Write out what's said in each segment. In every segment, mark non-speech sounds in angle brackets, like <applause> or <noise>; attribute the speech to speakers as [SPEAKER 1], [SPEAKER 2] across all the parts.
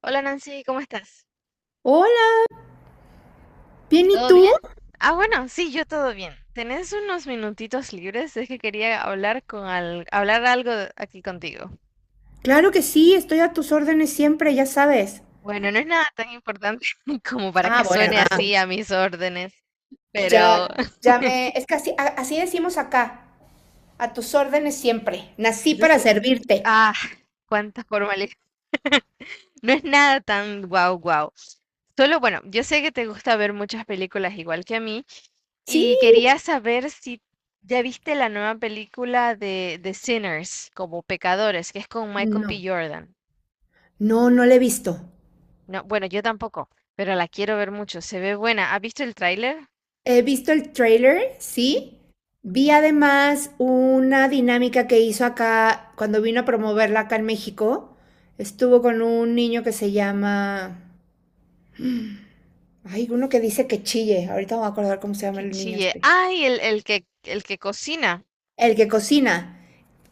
[SPEAKER 1] Hola Nancy, ¿cómo estás?
[SPEAKER 2] Hola, ¿bien y
[SPEAKER 1] ¿Todo
[SPEAKER 2] tú?
[SPEAKER 1] bien? Ah, bueno, sí, yo todo bien. ¿Tenés unos minutitos libres? Es que quería hablar con al- hablar algo de- aquí contigo.
[SPEAKER 2] Claro que sí, estoy a tus órdenes siempre, ya sabes.
[SPEAKER 1] Bueno, no es nada tan importante <laughs> como para
[SPEAKER 2] Ah,
[SPEAKER 1] que
[SPEAKER 2] bueno,
[SPEAKER 1] suene
[SPEAKER 2] ah,
[SPEAKER 1] así a mis órdenes, pero
[SPEAKER 2] ya,
[SPEAKER 1] <laughs>
[SPEAKER 2] ya me, es que así, así decimos acá, a tus órdenes siempre. Nací
[SPEAKER 1] des-
[SPEAKER 2] para
[SPEAKER 1] eh,
[SPEAKER 2] servirte.
[SPEAKER 1] ah, cuánta formalidad. No es nada tan guau guau, solo, bueno, yo sé que te gusta ver muchas películas igual que a mí
[SPEAKER 2] Sí.
[SPEAKER 1] y quería saber si ya viste la nueva película de Sinners, como Pecadores, que es con Michael B.
[SPEAKER 2] No,
[SPEAKER 1] Jordan.
[SPEAKER 2] no, no la he visto.
[SPEAKER 1] No, bueno, yo tampoco, pero la quiero ver mucho. Se ve buena. ¿Has visto el tráiler?
[SPEAKER 2] He visto el trailer, sí.
[SPEAKER 1] Ujú.
[SPEAKER 2] Vi además una dinámica que hizo acá cuando vino a promoverla acá en México. Estuvo con un niño que se llama... Hay uno que dice que chille. Ahorita me voy a acordar cómo se llama
[SPEAKER 1] Que
[SPEAKER 2] el niño
[SPEAKER 1] chille.
[SPEAKER 2] este.
[SPEAKER 1] Ay, el que cocina.
[SPEAKER 2] El que cocina.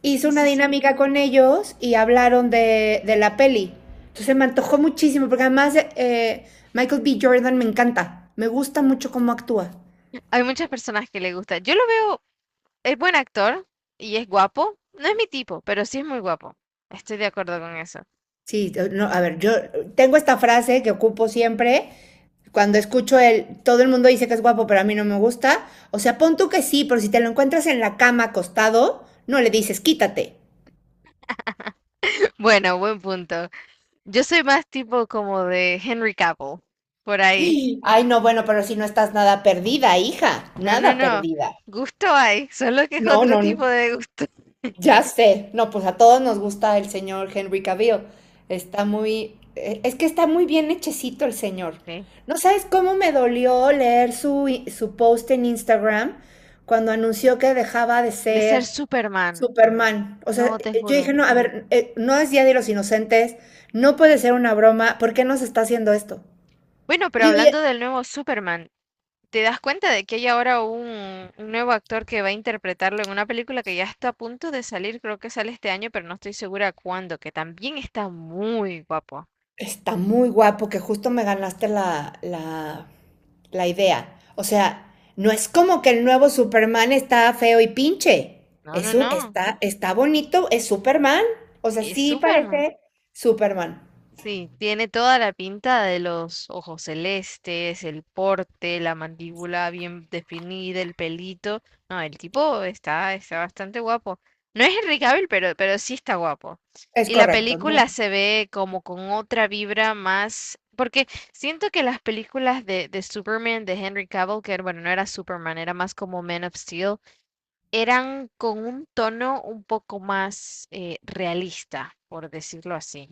[SPEAKER 2] Hizo
[SPEAKER 1] Sí,
[SPEAKER 2] una
[SPEAKER 1] sí, sí.
[SPEAKER 2] dinámica con ellos y hablaron de la peli. Entonces me antojó muchísimo, porque además Michael B. Jordan me encanta. Me gusta mucho cómo actúa.
[SPEAKER 1] Hay muchas personas que le gusta. Yo lo veo, es buen actor y es guapo. No es mi tipo, pero sí es muy guapo. Estoy de acuerdo con eso.
[SPEAKER 2] Sí, no, a ver, yo tengo esta frase que ocupo siempre. Cuando escucho todo el mundo dice que es guapo, pero a mí no me gusta. O sea, pon tú que sí, pero si te lo encuentras en la cama acostado, no le dices quítate.
[SPEAKER 1] <laughs> Bueno, buen punto. Yo soy más tipo como de Henry Cavill, por ahí.
[SPEAKER 2] Ay, no, bueno, pero si no estás nada perdida, hija,
[SPEAKER 1] No, no,
[SPEAKER 2] nada
[SPEAKER 1] no.
[SPEAKER 2] perdida.
[SPEAKER 1] Gusto hay, solo que es
[SPEAKER 2] No,
[SPEAKER 1] otro
[SPEAKER 2] no, no.
[SPEAKER 1] tipo de gusto.
[SPEAKER 2] Ya sé, no, pues a todos nos gusta el señor Henry Cavill. Es que está muy bien hechecito el señor.
[SPEAKER 1] Sí.
[SPEAKER 2] No sabes cómo me dolió leer su post en Instagram cuando anunció que dejaba de
[SPEAKER 1] De ser
[SPEAKER 2] ser
[SPEAKER 1] Superman,
[SPEAKER 2] Superman. O sea,
[SPEAKER 1] no te
[SPEAKER 2] yo
[SPEAKER 1] juro.
[SPEAKER 2] dije, no, a ver, no es Día de los Inocentes, no puede ser una broma, ¿por qué nos está haciendo esto?
[SPEAKER 1] Bueno,
[SPEAKER 2] Y
[SPEAKER 1] pero
[SPEAKER 2] digo, y,
[SPEAKER 1] hablando del nuevo Superman, ¿te das cuenta de que hay ahora un nuevo actor que va a interpretarlo en una película que ya está a punto de salir? Creo que sale este año, pero no estoy segura cuándo, que también está muy guapo.
[SPEAKER 2] Está muy guapo que justo me ganaste la, idea. O sea, no es como que el nuevo Superman está feo y pinche.
[SPEAKER 1] No, no,
[SPEAKER 2] Eso
[SPEAKER 1] no.
[SPEAKER 2] está bonito, es Superman. O sea,
[SPEAKER 1] Es
[SPEAKER 2] sí
[SPEAKER 1] Superman.
[SPEAKER 2] parece Superman.
[SPEAKER 1] Sí, tiene toda la pinta de los ojos celestes, el porte, la mandíbula bien definida, el pelito. No, el tipo está bastante guapo. No es Henry Cavill, pero sí está guapo.
[SPEAKER 2] Es
[SPEAKER 1] Y la
[SPEAKER 2] correcto, ¿no?
[SPEAKER 1] película se ve como con otra vibra más, porque siento que las películas de Superman, de Henry Cavill, que bueno, no era Superman, era más como Man of Steel, eran con un tono un poco más realista, por decirlo así.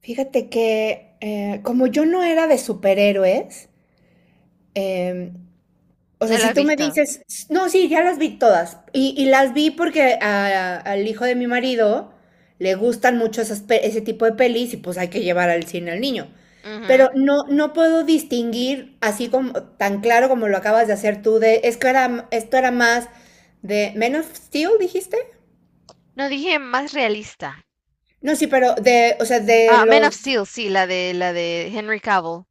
[SPEAKER 2] Fíjate que como yo no era de superhéroes, em, o sea,
[SPEAKER 1] ¿No lo
[SPEAKER 2] si
[SPEAKER 1] has
[SPEAKER 2] tú me
[SPEAKER 1] visto?
[SPEAKER 2] dices, no, sí, ya las vi todas. Y las vi porque al hijo de mi marido le gustan mucho esas ese tipo de pelis y pues hay que llevar al cine al niño. Pero
[SPEAKER 1] Ujú.
[SPEAKER 2] no, no puedo distinguir así como tan claro como lo acabas de hacer tú de, es que esto era más de Men of Steel, dijiste.
[SPEAKER 1] No dije más realista.
[SPEAKER 2] No, sí, pero de, o sea, de
[SPEAKER 1] Ah, Man of
[SPEAKER 2] los
[SPEAKER 1] Steel, sí, la de Henry Cavill.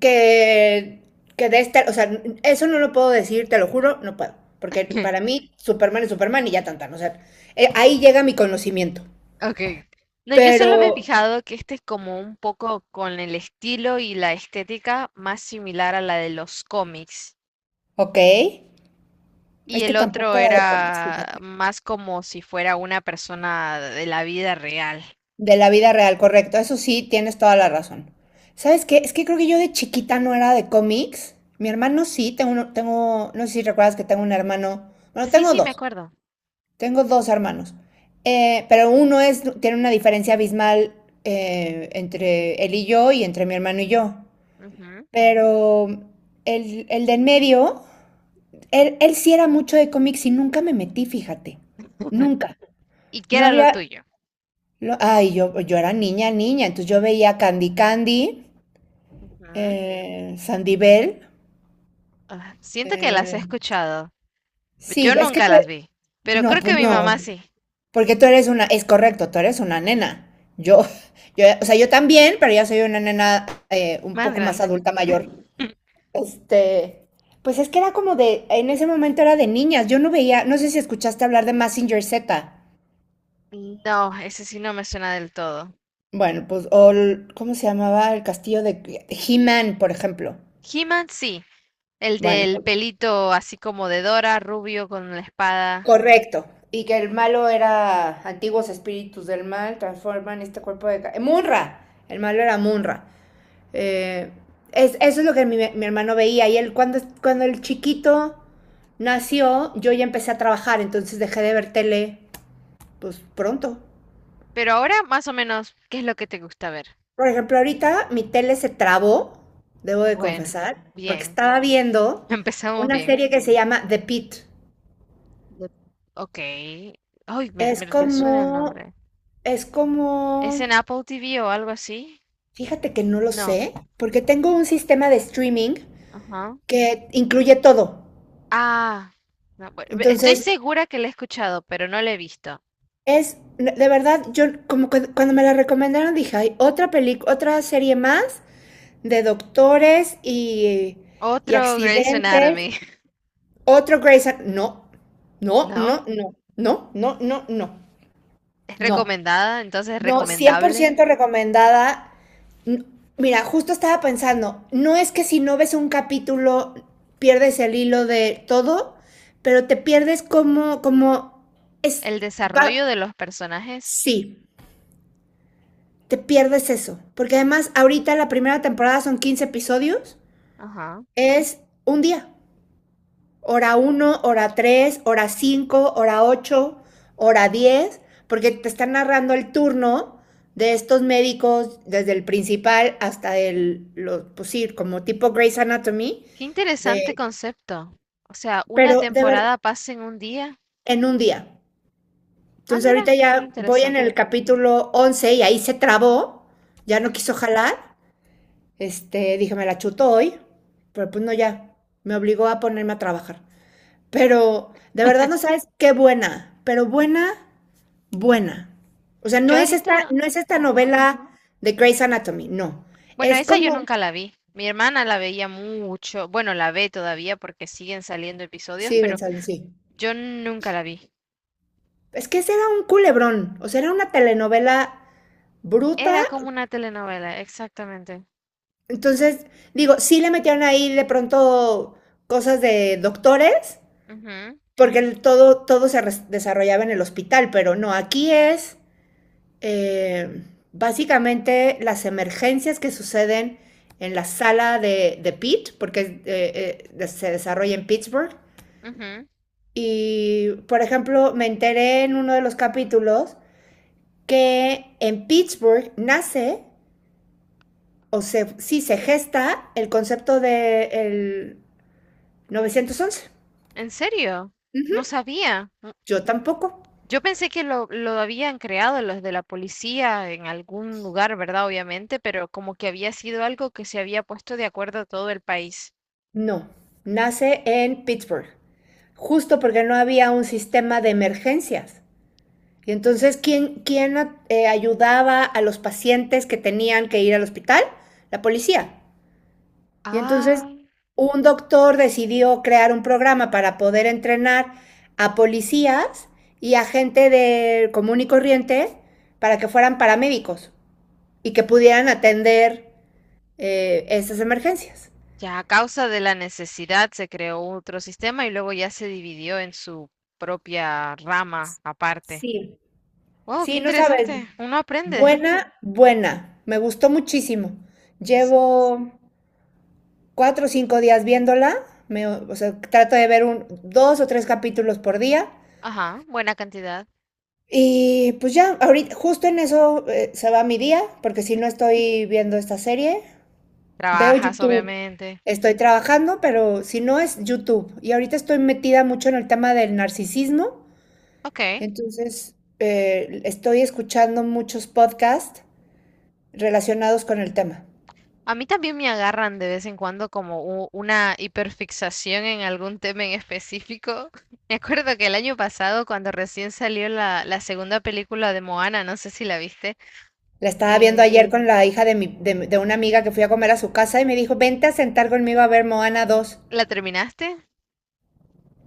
[SPEAKER 2] que, que de esta, o sea, eso no lo puedo decir, te lo juro, no puedo. Porque para
[SPEAKER 1] <laughs>
[SPEAKER 2] mí Superman es Superman y ya tan tan, o sea, ahí llega mi conocimiento.
[SPEAKER 1] Okay. No, yo
[SPEAKER 2] Pero,
[SPEAKER 1] solo me he fijado que este es como un poco con el estilo y la estética más similar a la de los cómics.
[SPEAKER 2] ok,
[SPEAKER 1] Y
[SPEAKER 2] es que
[SPEAKER 1] el otro
[SPEAKER 2] tampoco era de cómics,
[SPEAKER 1] era
[SPEAKER 2] fíjate.
[SPEAKER 1] más como si fuera una persona de la vida real.
[SPEAKER 2] De la vida real, correcto, eso sí, tienes toda la razón. ¿Sabes qué? Es que creo que yo de chiquita no era de cómics. Mi hermano sí, tengo, no sé si recuerdas que tengo un hermano, bueno,
[SPEAKER 1] Sí,
[SPEAKER 2] tengo
[SPEAKER 1] sí, me
[SPEAKER 2] dos.
[SPEAKER 1] acuerdo.
[SPEAKER 2] Tengo dos hermanos, pero tiene una diferencia abismal entre él y yo y entre mi hermano y yo.
[SPEAKER 1] Ujú.
[SPEAKER 2] Pero el de en medio, él sí era mucho de cómics y nunca me metí, fíjate. Nunca.
[SPEAKER 1] ¿Y qué
[SPEAKER 2] No
[SPEAKER 1] era lo
[SPEAKER 2] había...
[SPEAKER 1] tuyo?
[SPEAKER 2] Ay, yo era niña, niña, entonces yo veía Candy Candy,
[SPEAKER 1] Ujú.
[SPEAKER 2] Sandy Bell.
[SPEAKER 1] Ah, siento que las he
[SPEAKER 2] eh,
[SPEAKER 1] escuchado.
[SPEAKER 2] sí,
[SPEAKER 1] Yo
[SPEAKER 2] es que...
[SPEAKER 1] nunca las
[SPEAKER 2] te-
[SPEAKER 1] vi, pero
[SPEAKER 2] no,
[SPEAKER 1] creo que
[SPEAKER 2] pues
[SPEAKER 1] mi mamá
[SPEAKER 2] no.
[SPEAKER 1] sí,
[SPEAKER 2] Porque tú eres una, es correcto, tú eres una nena. Yo, yo, o sea, yo también, pero ya soy una nena un
[SPEAKER 1] más
[SPEAKER 2] poco más
[SPEAKER 1] grande.
[SPEAKER 2] adulta mayor. Este, pues es que era como de, en ese momento era de niñas. Yo no veía, no sé si escuchaste hablar de Mazinger Z.
[SPEAKER 1] No, ese sí no me suena del todo.
[SPEAKER 2] Bueno, pues, ¿cómo se llamaba el castillo de He-Man, por ejemplo?
[SPEAKER 1] He-Man sí, el
[SPEAKER 2] Bueno,
[SPEAKER 1] del pelito así como de Dora, rubio con la espada.
[SPEAKER 2] correcto. Y que el malo era antiguos espíritus del mal, transforman este cuerpo de... Munra. El malo era Munra. Eh, Eso es lo que mi hermano veía. Y él, cuando el chiquito nació, yo ya empecé a trabajar, entonces dejé de ver tele, pues pronto.
[SPEAKER 1] Pero ahora más o menos, ¿qué es lo que te gusta ver?
[SPEAKER 2] Por ejemplo, ahorita mi tele se trabó, debo de
[SPEAKER 1] Bueno,
[SPEAKER 2] confesar, porque
[SPEAKER 1] bien,
[SPEAKER 2] estaba
[SPEAKER 1] <laughs>
[SPEAKER 2] viendo
[SPEAKER 1] empezamos
[SPEAKER 2] una
[SPEAKER 1] bien.
[SPEAKER 2] serie que se llama The Pit.
[SPEAKER 1] De- Ok. Ay, me,
[SPEAKER 2] Es
[SPEAKER 1] me resuena el
[SPEAKER 2] como,
[SPEAKER 1] nombre.
[SPEAKER 2] es
[SPEAKER 1] ¿Es
[SPEAKER 2] como,
[SPEAKER 1] en Apple TV o algo así?
[SPEAKER 2] Fíjate que no lo
[SPEAKER 1] No.
[SPEAKER 2] sé, porque tengo un sistema de streaming
[SPEAKER 1] Ajá.
[SPEAKER 2] que incluye todo.
[SPEAKER 1] Ah, no, estoy
[SPEAKER 2] Entonces,
[SPEAKER 1] segura que lo he escuchado, pero no lo he visto.
[SPEAKER 2] De verdad, yo como que cuando me la recomendaron dije, hay otra película, otra serie más de doctores y
[SPEAKER 1] Otro Grey's
[SPEAKER 2] accidentes,
[SPEAKER 1] Anatomy, <laughs>
[SPEAKER 2] otro Grey's No, no,
[SPEAKER 1] ¿no?
[SPEAKER 2] no, no, no, no, no, no,
[SPEAKER 1] ¿Es
[SPEAKER 2] no,
[SPEAKER 1] recomendada? Entonces,
[SPEAKER 2] no, cien por
[SPEAKER 1] ¿recomendable?
[SPEAKER 2] ciento recomendada. N- Mira, justo estaba pensando, no es que si no ves un capítulo pierdes el hilo de todo, pero te pierdes como, es,
[SPEAKER 1] El
[SPEAKER 2] va-
[SPEAKER 1] desarrollo de los personajes.
[SPEAKER 2] sí. Te pierdes eso. Porque además, ahorita la primera temporada son 15 episodios,
[SPEAKER 1] Ajá.
[SPEAKER 2] es un día. Hora uno, hora 3, hora 5, hora 8, hora 10, porque te están narrando el turno de estos médicos, desde el principal hasta el, lo pues sí, como tipo Grey's Anatomy,
[SPEAKER 1] Qué
[SPEAKER 2] de,
[SPEAKER 1] interesante concepto. O sea, una
[SPEAKER 2] pero de ver
[SPEAKER 1] temporada pasa en un día.
[SPEAKER 2] en un día.
[SPEAKER 1] Ah,
[SPEAKER 2] Entonces
[SPEAKER 1] mira,
[SPEAKER 2] ahorita
[SPEAKER 1] muy
[SPEAKER 2] ya voy en el
[SPEAKER 1] interesante.
[SPEAKER 2] capítulo 11 y ahí se trabó, ya no quiso jalar. Este, dije, me la chuto hoy, pero pues no, ya, me obligó a ponerme a trabajar. Pero de verdad no sabes qué buena, pero buena, buena. O sea, no
[SPEAKER 1] Yo
[SPEAKER 2] es esta,
[SPEAKER 1] ahorita,
[SPEAKER 2] no es esta
[SPEAKER 1] ujú.
[SPEAKER 2] novela de Grey's Anatomy, no.
[SPEAKER 1] Bueno,
[SPEAKER 2] Es
[SPEAKER 1] esa yo
[SPEAKER 2] como,
[SPEAKER 1] nunca la vi. Mi hermana la veía mucho. Bueno, la ve todavía porque siguen saliendo episodios,
[SPEAKER 2] sí,
[SPEAKER 1] pero
[SPEAKER 2] González, sí.
[SPEAKER 1] yo nunca la vi.
[SPEAKER 2] Es que ese era un culebrón, o sea, era una telenovela bruta.
[SPEAKER 1] Era como una telenovela, exactamente.
[SPEAKER 2] Entonces, digo, sí le metieron ahí de pronto cosas de doctores,
[SPEAKER 1] Ujú,
[SPEAKER 2] porque todo se desarrollaba en el hospital, pero no, aquí es eh, básicamente las emergencias que suceden en la sala de Pitt, porque se desarrolla en Pittsburgh.
[SPEAKER 1] ujú.
[SPEAKER 2] Y, por ejemplo, me enteré en uno de los capítulos que en Pittsburgh nace, o se, sí, se gesta el concepto del de 911.
[SPEAKER 1] ¿En serio? No sabía.
[SPEAKER 2] Yo tampoco.
[SPEAKER 1] Yo pensé que lo habían creado los de la policía en algún lugar, ¿verdad? Obviamente, pero como que había sido algo que se había puesto de acuerdo a todo el país.
[SPEAKER 2] No, nace en Pittsburgh, justo porque no había un sistema de emergencias. Y entonces, ¿quién ayudaba a los pacientes que tenían que ir al hospital? La policía. Y
[SPEAKER 1] Ah,
[SPEAKER 2] entonces, un doctor decidió crear un programa para poder entrenar a policías y a gente de común y corriente para que fueran paramédicos y que pudieran atender esas emergencias.
[SPEAKER 1] ya a causa de la necesidad se creó otro sistema y luego ya se dividió en su propia rama aparte.
[SPEAKER 2] Sí.
[SPEAKER 1] Wow, qué
[SPEAKER 2] Sí, no sabes.
[SPEAKER 1] interesante. Uno aprende.
[SPEAKER 2] Buena, buena. Me gustó muchísimo.
[SPEAKER 1] Sí.
[SPEAKER 2] Llevo 4 o 5 días viéndola. Me, o sea, trato de ver un, dos o tres capítulos por día.
[SPEAKER 1] Ajá, buena cantidad.
[SPEAKER 2] Y pues ya, ahorita, justo en eso se va mi día, porque si no estoy viendo esta serie, veo
[SPEAKER 1] Trabajas,
[SPEAKER 2] YouTube.
[SPEAKER 1] obviamente.
[SPEAKER 2] Estoy trabajando, pero si no es YouTube. Y ahorita estoy metida mucho en el tema del narcisismo.
[SPEAKER 1] Ok.
[SPEAKER 2] Entonces, estoy escuchando muchos podcasts relacionados con el tema.
[SPEAKER 1] A mí también me agarran de vez en cuando como una hiperfixación en algún tema en específico. <laughs> Me acuerdo que el año pasado, cuando recién salió la segunda película de Moana, no sé si la viste,
[SPEAKER 2] La estaba viendo
[SPEAKER 1] eh,
[SPEAKER 2] ayer con la hija de una amiga que fui a comer a su casa y me dijo, vente a sentar conmigo a ver Moana 2
[SPEAKER 1] ¿la terminaste?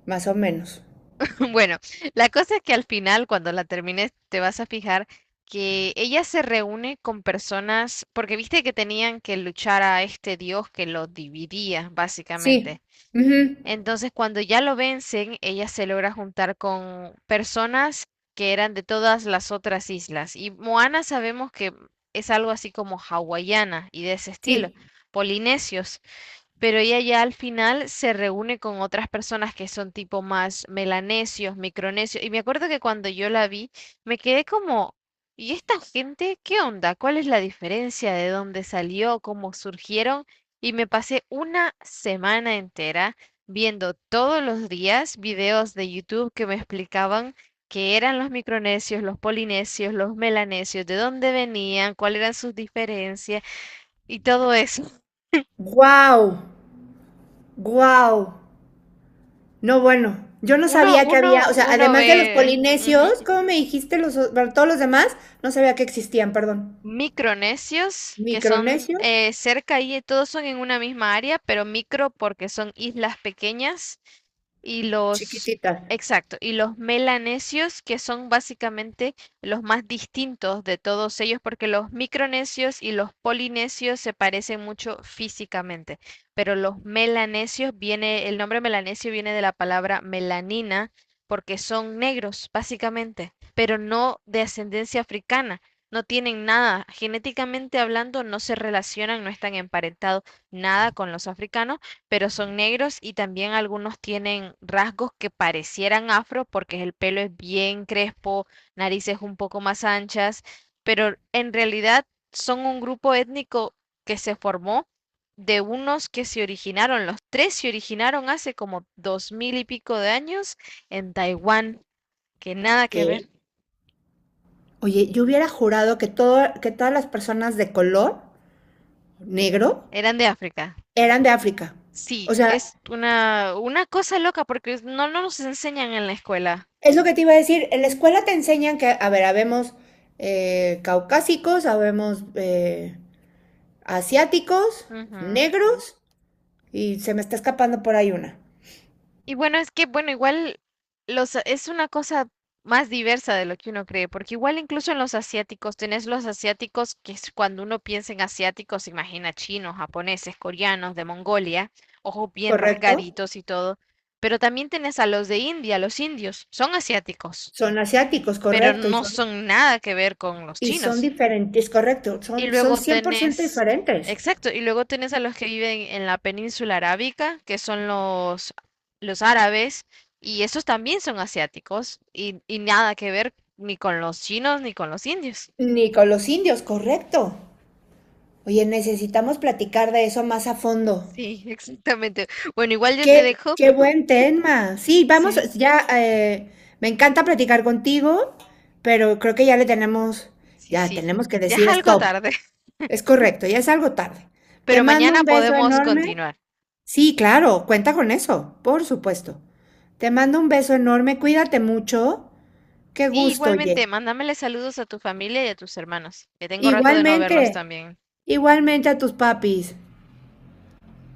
[SPEAKER 2] más o menos.
[SPEAKER 1] <laughs> Bueno, la cosa es que al final, cuando la termines, te vas a fijar que ella se reúne con personas, porque viste que tenían que luchar a este dios que los dividía,
[SPEAKER 2] Sí,
[SPEAKER 1] básicamente.
[SPEAKER 2] Ujú,
[SPEAKER 1] Entonces, cuando ya lo vencen, ella se logra juntar con personas que eran de todas las otras islas. Y Moana sabemos que es algo así como hawaiana y de ese estilo,
[SPEAKER 2] sí.
[SPEAKER 1] polinesios. Pero ella ya al final se reúne con otras personas que son tipo más melanesios, micronesios. Y me acuerdo que cuando yo la vi, me quedé como, ¿y esta gente qué onda? ¿Cuál es la diferencia? ¿De dónde salió? ¿Cómo surgieron? Y me pasé una semana entera viendo todos los días videos de YouTube que me explicaban qué eran los micronesios, los polinesios, los melanesios, de dónde venían, cuáles eran sus diferencias y todo eso.
[SPEAKER 2] Wow, wow. No, bueno, yo no
[SPEAKER 1] Uno,
[SPEAKER 2] sabía que
[SPEAKER 1] uno,
[SPEAKER 2] había, o sea,
[SPEAKER 1] uno
[SPEAKER 2] además de los
[SPEAKER 1] ve ujú,
[SPEAKER 2] polinesios, ¿cómo me dijiste bueno, todos los demás? No sabía que existían, perdón.
[SPEAKER 1] micronesios, que son
[SPEAKER 2] Micronesios,
[SPEAKER 1] cerca y todos son en una misma área, pero micro porque son islas pequeñas y los,
[SPEAKER 2] chiquititas.
[SPEAKER 1] exacto, y los melanesios, que son básicamente los más distintos de todos ellos, porque los micronesios y los polinesios se parecen mucho físicamente, pero los melanesios viene, el nombre melanesio viene de la palabra melanina, porque son negros, básicamente, pero no de ascendencia africana. No tienen nada, genéticamente hablando, no se relacionan, no están emparentados nada con los africanos pero son negros y también algunos tienen rasgos que parecieran afro porque el pelo es bien crespo, narices un poco más anchas, pero en realidad son un grupo étnico que se formó de unos que se originaron, los tres se originaron hace como 2000 y pico de años en Taiwán, que nada que
[SPEAKER 2] ¿Qué?
[SPEAKER 1] ver,
[SPEAKER 2] Oye, yo hubiera jurado que todas las personas de color negro
[SPEAKER 1] eran de África.
[SPEAKER 2] eran de África.
[SPEAKER 1] Sí,
[SPEAKER 2] O sea,
[SPEAKER 1] es una cosa loca porque no nos enseñan en la escuela.
[SPEAKER 2] es lo que te iba a decir, en la escuela te enseñan que, a ver, habemos caucásicos, habemos asiáticos,
[SPEAKER 1] Ujú.
[SPEAKER 2] negros, y se me está escapando por ahí una,
[SPEAKER 1] Y bueno, es que, bueno, igual los, es una cosa más diversa de lo que uno cree, porque igual incluso en los asiáticos, tenés los asiáticos, que es cuando uno piensa en asiáticos, se imagina chinos, japoneses, coreanos, de Mongolia, ojos bien
[SPEAKER 2] ¿correcto?
[SPEAKER 1] rasgaditos y todo, pero también tenés a los de India, los indios, son asiáticos,
[SPEAKER 2] Son asiáticos,
[SPEAKER 1] pero
[SPEAKER 2] correcto, y
[SPEAKER 1] no
[SPEAKER 2] son,
[SPEAKER 1] son nada que ver con los
[SPEAKER 2] y son
[SPEAKER 1] chinos.
[SPEAKER 2] diferentes, correcto,
[SPEAKER 1] Y
[SPEAKER 2] son
[SPEAKER 1] luego
[SPEAKER 2] 100%
[SPEAKER 1] tenés,
[SPEAKER 2] diferentes.
[SPEAKER 1] exacto, y luego tenés a los que viven en la península arábica, que son los árabes, y esos también son asiáticos, y nada que ver ni con los chinos ni con los indios.
[SPEAKER 2] Ni con los indios, correcto. Oye, necesitamos platicar de eso más a fondo.
[SPEAKER 1] Sí, <laughs> exactamente. Bueno, igual yo te
[SPEAKER 2] Qué,
[SPEAKER 1] dejo.
[SPEAKER 2] qué buen tema. Sí, vamos,
[SPEAKER 1] Sí,
[SPEAKER 2] ya me encanta platicar contigo, pero creo que
[SPEAKER 1] sí,
[SPEAKER 2] ya
[SPEAKER 1] sí.
[SPEAKER 2] tenemos que
[SPEAKER 1] Ya es
[SPEAKER 2] decir
[SPEAKER 1] algo
[SPEAKER 2] stop.
[SPEAKER 1] tarde, <laughs>
[SPEAKER 2] Es correcto, ya es algo tarde. Te
[SPEAKER 1] pero
[SPEAKER 2] mando
[SPEAKER 1] mañana
[SPEAKER 2] un beso
[SPEAKER 1] podemos
[SPEAKER 2] enorme.
[SPEAKER 1] continuar.
[SPEAKER 2] Sí, claro, cuenta con eso, por supuesto. Te mando un beso enorme, cuídate mucho. Qué
[SPEAKER 1] Sí,
[SPEAKER 2] gusto,
[SPEAKER 1] igualmente,
[SPEAKER 2] oye.
[SPEAKER 1] mándamele saludos a tu familia y a tus hermanos, que tengo rato de no verlos
[SPEAKER 2] Igualmente,
[SPEAKER 1] también.
[SPEAKER 2] igualmente a tus papis.